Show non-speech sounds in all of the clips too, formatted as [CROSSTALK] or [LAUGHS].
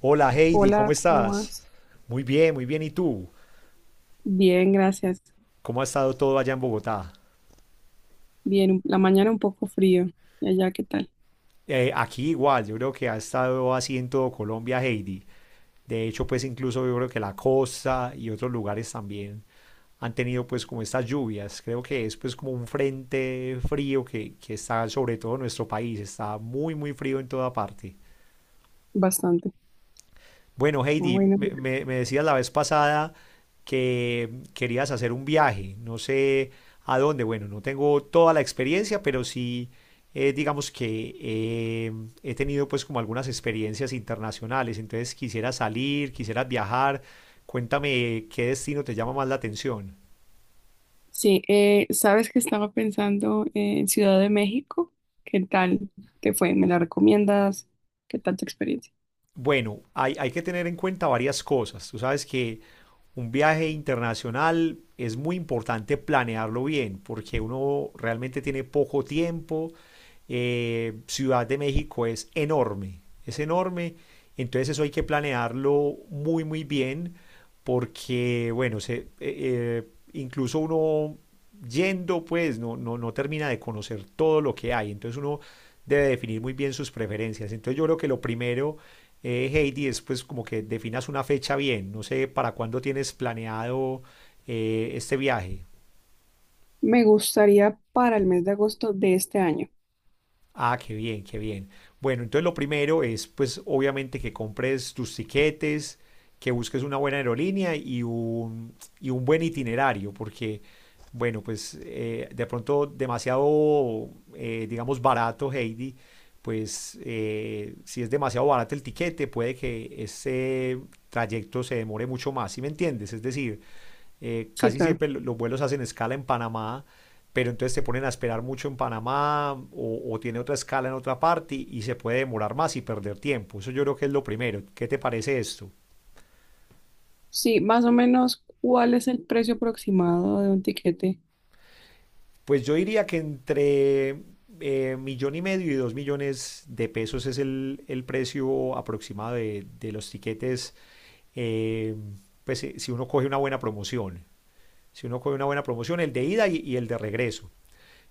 Hola Heidi, ¿cómo Hola, ¿cómo estás? vas? Muy bien, muy bien. ¿Y tú? Bien, gracias. ¿Cómo ha estado todo allá en Bogotá? Bien, la mañana un poco frío. ¿Y allá qué tal? Aquí igual, yo creo que ha estado así en todo Colombia, Heidi. De hecho, pues incluso yo creo que la costa y otros lugares también han tenido pues como estas lluvias. Creo que es pues como un frente frío que está sobre todo en nuestro país. Está muy, muy frío en toda parte. Bastante. Bueno, Ah, Heidi, bueno. Me decías la vez pasada que querías hacer un viaje, no sé a dónde, bueno, no tengo toda la experiencia, pero sí, digamos que he tenido pues como algunas experiencias internacionales, entonces quisiera salir, quisiera viajar, cuéntame qué destino te llama más la atención. Sí, sabes que estaba pensando en Ciudad de México. ¿Qué tal te fue? ¿Me la recomiendas? ¿Qué tal tu experiencia? Bueno, hay que tener en cuenta varias cosas. Tú sabes que un viaje internacional es muy importante planearlo bien porque uno realmente tiene poco tiempo, Ciudad de México es enorme, entonces eso hay que planearlo muy, muy bien, porque, bueno, incluso uno yendo, pues, no termina de conocer todo lo que hay, entonces uno debe definir muy bien sus preferencias. Entonces yo creo que lo primero, Heidi, es pues como que definas una fecha bien. No sé para cuándo tienes planeado este viaje. Me gustaría para el mes de agosto de este año. Ah, qué bien, qué bien. Bueno, entonces lo primero es, pues, obviamente que compres tus tiquetes, que busques una buena aerolínea y un buen itinerario, porque, bueno, pues, de pronto demasiado, digamos, barato, Heidi, pues, si es demasiado barato el tiquete, puede que ese trayecto se demore mucho más, ¿sí me entiendes? Es decir, Sí, casi claro. siempre los vuelos hacen escala en Panamá, pero entonces te ponen a esperar mucho en Panamá o tiene otra escala en otra parte y se puede demorar más y perder tiempo. Eso yo creo que es lo primero. ¿Qué te parece esto? Sí, más o menos, ¿cuál es el precio aproximado de un tiquete? Pues yo diría que entre millón y medio y 2 millones de pesos es el precio aproximado de los tiquetes, eh, pues si uno coge una buena promoción. Si uno coge una buena promoción, el de ida y el de regreso.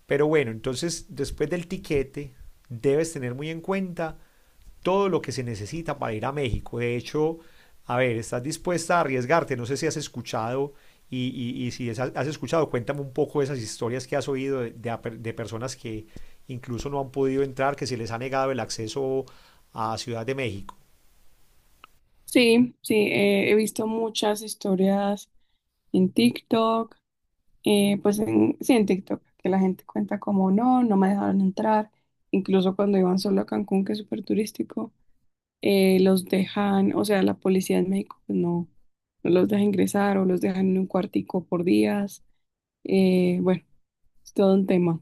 Pero bueno, entonces después del tiquete debes tener muy en cuenta todo lo que se necesita para ir a México. De hecho, a ver, ¿estás dispuesta a arriesgarte? No sé si has escuchado y si es- has escuchado, cuéntame un poco esas historias que has oído de personas que incluso no han podido entrar, que se les ha negado el acceso a Ciudad de México. Sí, sí, he visto muchas historias en TikTok. Pues en, sí, en TikTok, que la gente cuenta como no, no me dejaron entrar, incluso cuando iban solo a Cancún, que es súper turístico, los dejan, o sea, la policía en México pues, no, no los deja ingresar o los dejan en un cuartico por días, bueno, es todo un tema.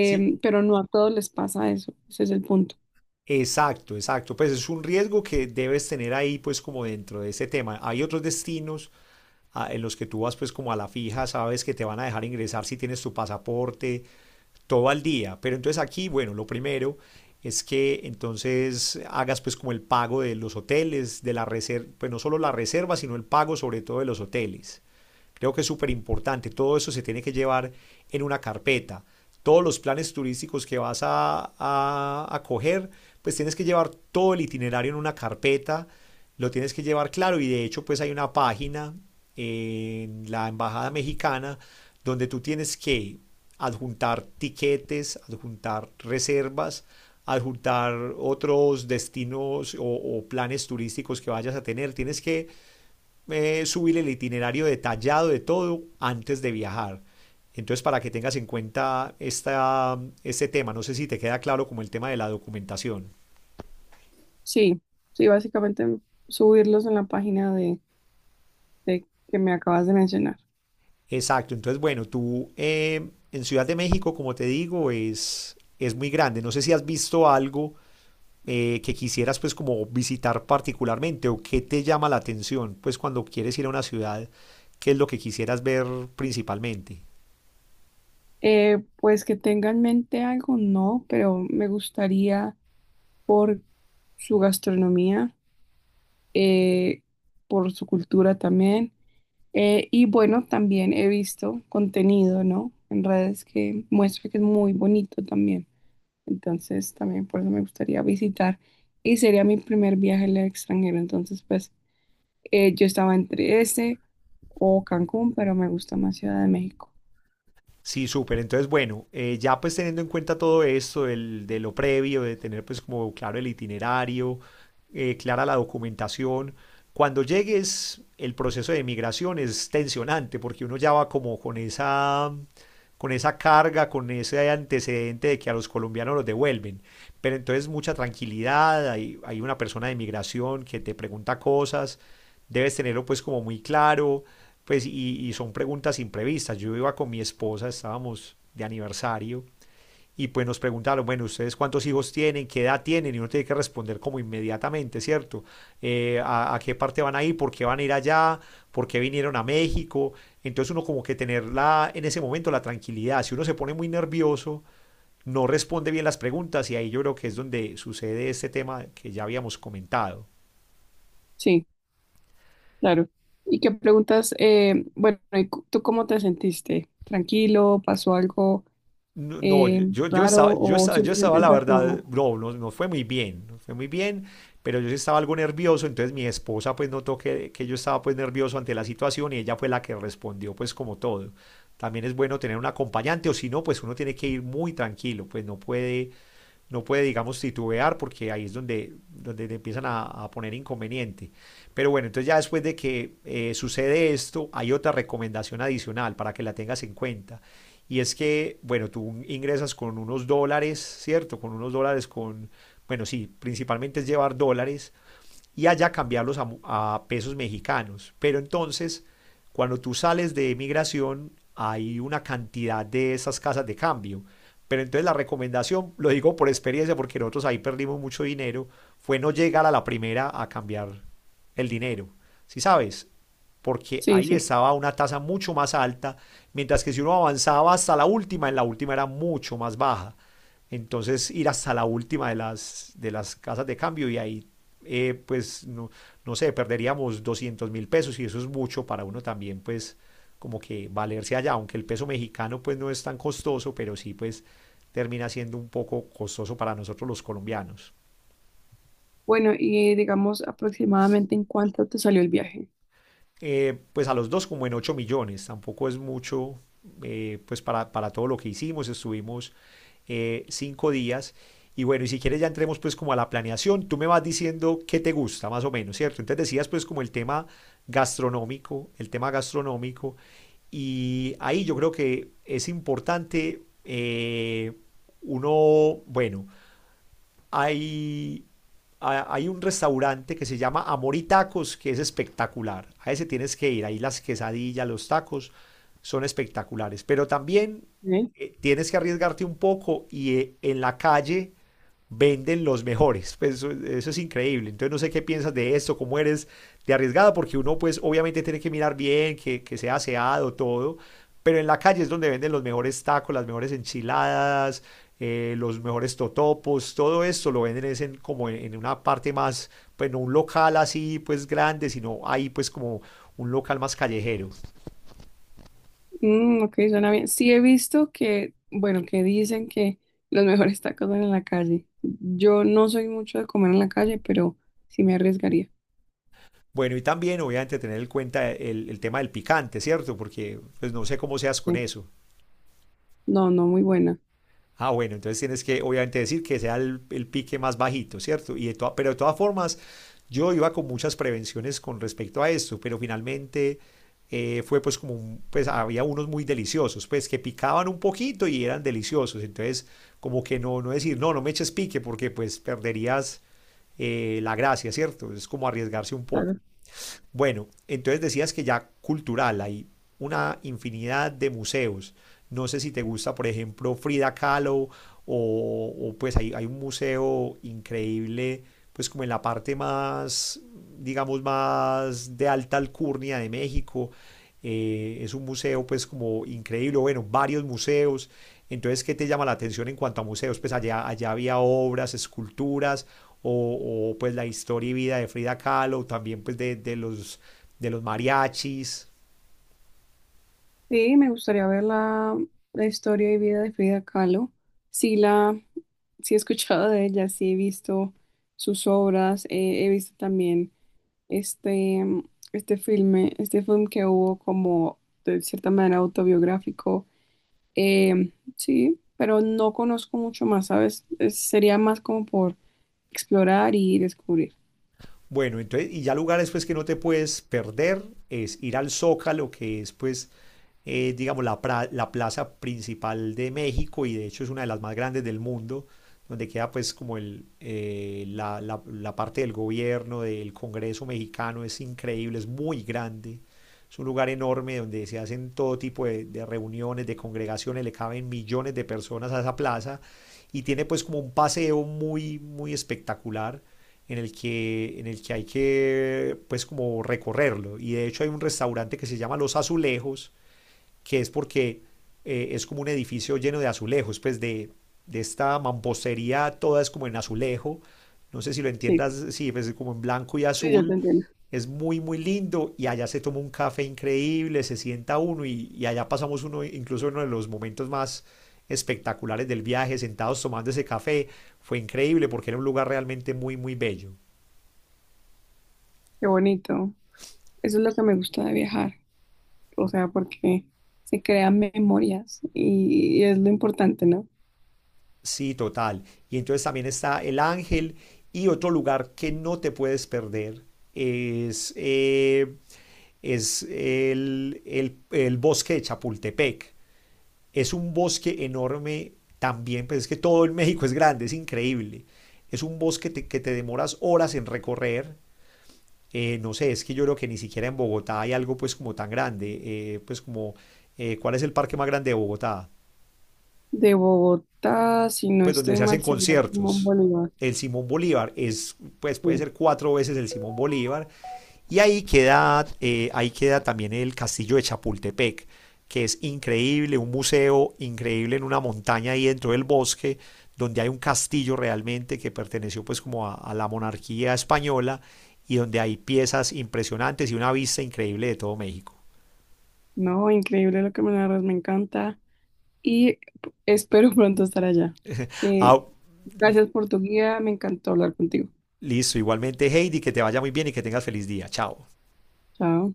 Sí. Pero no a todos les pasa eso, ese es el punto. Exacto, exacto. Pues es un riesgo que debes tener ahí, pues como dentro de ese tema. Hay otros destinos en los que tú vas pues como a la fija, sabes que te van a dejar ingresar si tienes tu pasaporte, todo al día. Pero entonces aquí, bueno, lo primero es que entonces hagas pues como el pago de los hoteles, de la reserva, pues no solo la reserva, sino el pago sobre todo de los hoteles. Creo que es súper importante. Todo eso se tiene que llevar en una carpeta. Todos los planes turísticos que vas a coger, pues tienes que llevar todo el itinerario en una carpeta. Lo tienes que llevar claro y de hecho pues hay una página en la Embajada Mexicana donde tú tienes que adjuntar tiquetes, adjuntar reservas, adjuntar otros destinos planes turísticos que vayas a tener. Tienes que subir el itinerario detallado de todo antes de viajar. Entonces, para que tengas en cuenta este tema, no sé si te queda claro como el tema de la documentación. Sí, sí, básicamente subirlos en la página de que me acabas de mencionar. Exacto, entonces bueno, tú en Ciudad de México, como te digo, es muy grande. No sé si has visto algo que quisieras pues como visitar particularmente o qué te llama la atención pues cuando quieres ir a una ciudad, qué es lo que quisieras ver principalmente. Pues que tenga en mente algo, no, pero me gustaría por su gastronomía, eh, por su cultura también. Y bueno, también he visto contenido, ¿no? En redes que muestra que es muy bonito también. Entonces, también por eso me gustaría visitar. Y sería mi primer viaje al extranjero. Entonces, pues, yo estaba entre ese o Cancún, pero me gusta más Ciudad de México. Sí, súper. Entonces, bueno, ya pues teniendo en cuenta todo esto de lo previo, de tener pues como claro el itinerario, clara la documentación, cuando llegues el proceso de migración es tensionante porque uno ya va como con esa carga, con ese antecedente de que a los colombianos los devuelven. Pero entonces mucha tranquilidad, hay una persona de migración que te pregunta cosas, debes tenerlo pues como muy claro pues y son preguntas imprevistas. Yo iba con mi esposa, estábamos de aniversario y pues nos preguntaron, bueno, ¿ustedes cuántos hijos tienen? ¿Qué edad tienen? Y uno tiene que responder como inmediatamente, ¿cierto? ¿A qué parte van a ir? ¿Por qué van a ir allá? ¿Por qué vinieron a México? Entonces uno como que tenerla en ese momento la tranquilidad. Si uno se pone muy nervioso, no responde bien las preguntas y ahí yo creo que es donde sucede este tema que ya habíamos comentado. Sí, claro. ¿Y qué preguntas? Bueno, ¿y tú cómo te sentiste? ¿Tranquilo? ¿Pasó algo? No, no, ¿Eh, raro o yo simplemente estaba, la entras normal? verdad, no fue muy bien, no fue muy bien, pero yo sí estaba algo nervioso, entonces mi esposa pues notó que yo estaba pues nervioso ante la situación y ella fue la que respondió pues como todo. También es bueno tener un acompañante o si no, pues uno tiene que ir muy tranquilo, pues no puede, digamos, titubear porque ahí es donde, te empiezan a poner inconveniente. Pero bueno, entonces ya después de que sucede esto, hay otra recomendación adicional para que la tengas en cuenta. Y es que, bueno, tú ingresas con unos dólares, ¿cierto? Con unos dólares, con, bueno, sí, principalmente es llevar dólares y allá cambiarlos a pesos mexicanos. Pero entonces, cuando tú sales de migración, hay una cantidad de esas casas de cambio. Pero entonces la recomendación, lo digo por experiencia, porque nosotros ahí perdimos mucho dinero, fue no llegar a la primera a cambiar el dinero. Si ¿sí sabes, porque Sí, ahí sí. estaba una tasa mucho más alta, mientras que si uno avanzaba hasta la última, en la última era mucho más baja. Entonces ir hasta la última de las casas de cambio y ahí pues no, no sé, perderíamos 200.000 pesos y eso es mucho para uno también, pues como que valerse allá, aunque el peso mexicano pues no es tan costoso, pero sí pues termina siendo un poco costoso para nosotros los colombianos. Bueno, y digamos aproximadamente en cuánto te salió el viaje. Pues a los dos como en 8 millones, tampoco es mucho, pues para, todo lo que hicimos, estuvimos 5 días. Y bueno, y si quieres ya entremos pues como a la planeación, tú me vas diciendo qué te gusta más o menos, ¿cierto? Entonces decías pues como el tema gastronómico, y ahí yo creo que es importante uno, bueno, hay, hay un restaurante que se llama Amor y Tacos, que es espectacular. A ese tienes que ir, ahí las quesadillas, los tacos son espectaculares. Pero también ¿Eh? Tienes que arriesgarte un poco y en la calle venden los mejores. Pues eso es increíble. Entonces no sé qué piensas de esto, cómo eres de arriesgada, porque uno pues obviamente tiene que mirar bien, que sea aseado, todo. Pero en la calle es donde venden los mejores tacos, las mejores enchiladas, los mejores totopos, todo esto lo venden es en, una parte más, pues no un local así pues grande, sino ahí pues como un local más callejero. Mm, ok, suena bien. Sí he visto que, bueno, que dicen que los mejores tacos son en la calle. Yo no soy mucho de comer en la calle, pero sí me arriesgaría. Bueno, y también obviamente tener en cuenta el tema del picante, ¿cierto? Porque pues no sé cómo seas con Sí. eso. No, no, muy buena. Ah, bueno, entonces tienes que obviamente decir que sea el pique más bajito, ¿cierto? Pero de todas formas, yo iba con muchas prevenciones con respecto a esto, pero finalmente fue pues como, pues había unos muy deliciosos, pues que picaban un poquito y eran deliciosos, entonces como que no, no decir, no, no me eches pique porque pues perderías la gracia, ¿cierto? Es como arriesgarse un poco. Claro. Bueno, entonces decías que ya cultural, hay una infinidad de museos. No sé si te gusta, por ejemplo, Frida Kahlo o pues hay un museo increíble, pues como en la parte más, digamos, más de alta alcurnia de México. Es un museo pues como increíble, bueno, varios museos. Entonces, ¿qué te llama la atención en cuanto a museos? Pues allá, allá había obras, esculturas, pues la historia y vida de Frida Kahlo, también pues de los mariachis. Sí, me gustaría ver la, la historia y vida de Frida Kahlo. Sí la, sí he escuchado de ella, sí he visto sus obras, he visto también este, mm, este filme, este film que hubo como de cierta manera autobiográfico. Sí, pero no conozco mucho más, ¿sabes? Sería más como por explorar y descubrir. Bueno, entonces, y ya lugares pues que no te puedes perder es ir al Zócalo, que es pues digamos, la plaza principal de México y de hecho es una de las más grandes del mundo, donde queda pues como la parte del gobierno, del Congreso mexicano, es increíble, es muy grande. Es un lugar enorme donde se hacen todo tipo de reuniones, de congregaciones, le caben millones de personas a esa plaza y tiene pues como un paseo muy, muy espectacular en el que hay que pues como recorrerlo. Y de hecho hay un restaurante que se llama Los Azulejos, que es porque es como un edificio lleno de azulejos, pues de esta mampostería, toda es como en azulejo. No sé si lo Sí, entiendas, sí, pues es como en blanco y sí, yo te azul. entiendo. Es muy, muy lindo y allá se toma un café increíble, se sienta uno y allá pasamos uno, incluso uno de los momentos más espectaculares del viaje, sentados tomando ese café. Fue increíble porque era un lugar realmente muy, muy bello. Qué bonito. Eso es lo que me gusta de viajar, o sea, porque se crean memorias y es lo importante, ¿no? Sí, total. Y entonces también está El Ángel y otro lugar que no te puedes perder es, el bosque de Chapultepec. Es un bosque enorme también, pues es que todo el México es grande, es increíble. Es un bosque que te demoras horas en recorrer. No sé, es que yo creo que ni siquiera en Bogotá hay algo pues como tan grande. ¿Cuál es el parque más grande de Bogotá? De Bogotá, si no Pues donde estoy se hacen mal, sería como conciertos. Bolívar. El Simón Bolívar es, pues puede Sí. ser 4 veces el Simón Bolívar. Y ahí queda también el castillo de Chapultepec, que es increíble, un museo increíble en una montaña ahí dentro del bosque, donde hay un castillo realmente que perteneció pues como a la monarquía española y donde hay piezas impresionantes y una vista increíble de todo México. No, increíble lo que me narras, me encanta. Y espero [LAUGHS] pronto estar allá. Ah, Que, gracias por tu guía, me encantó hablar contigo. listo, igualmente Heidi, que te vaya muy bien y que tengas feliz día. Chao. Chao.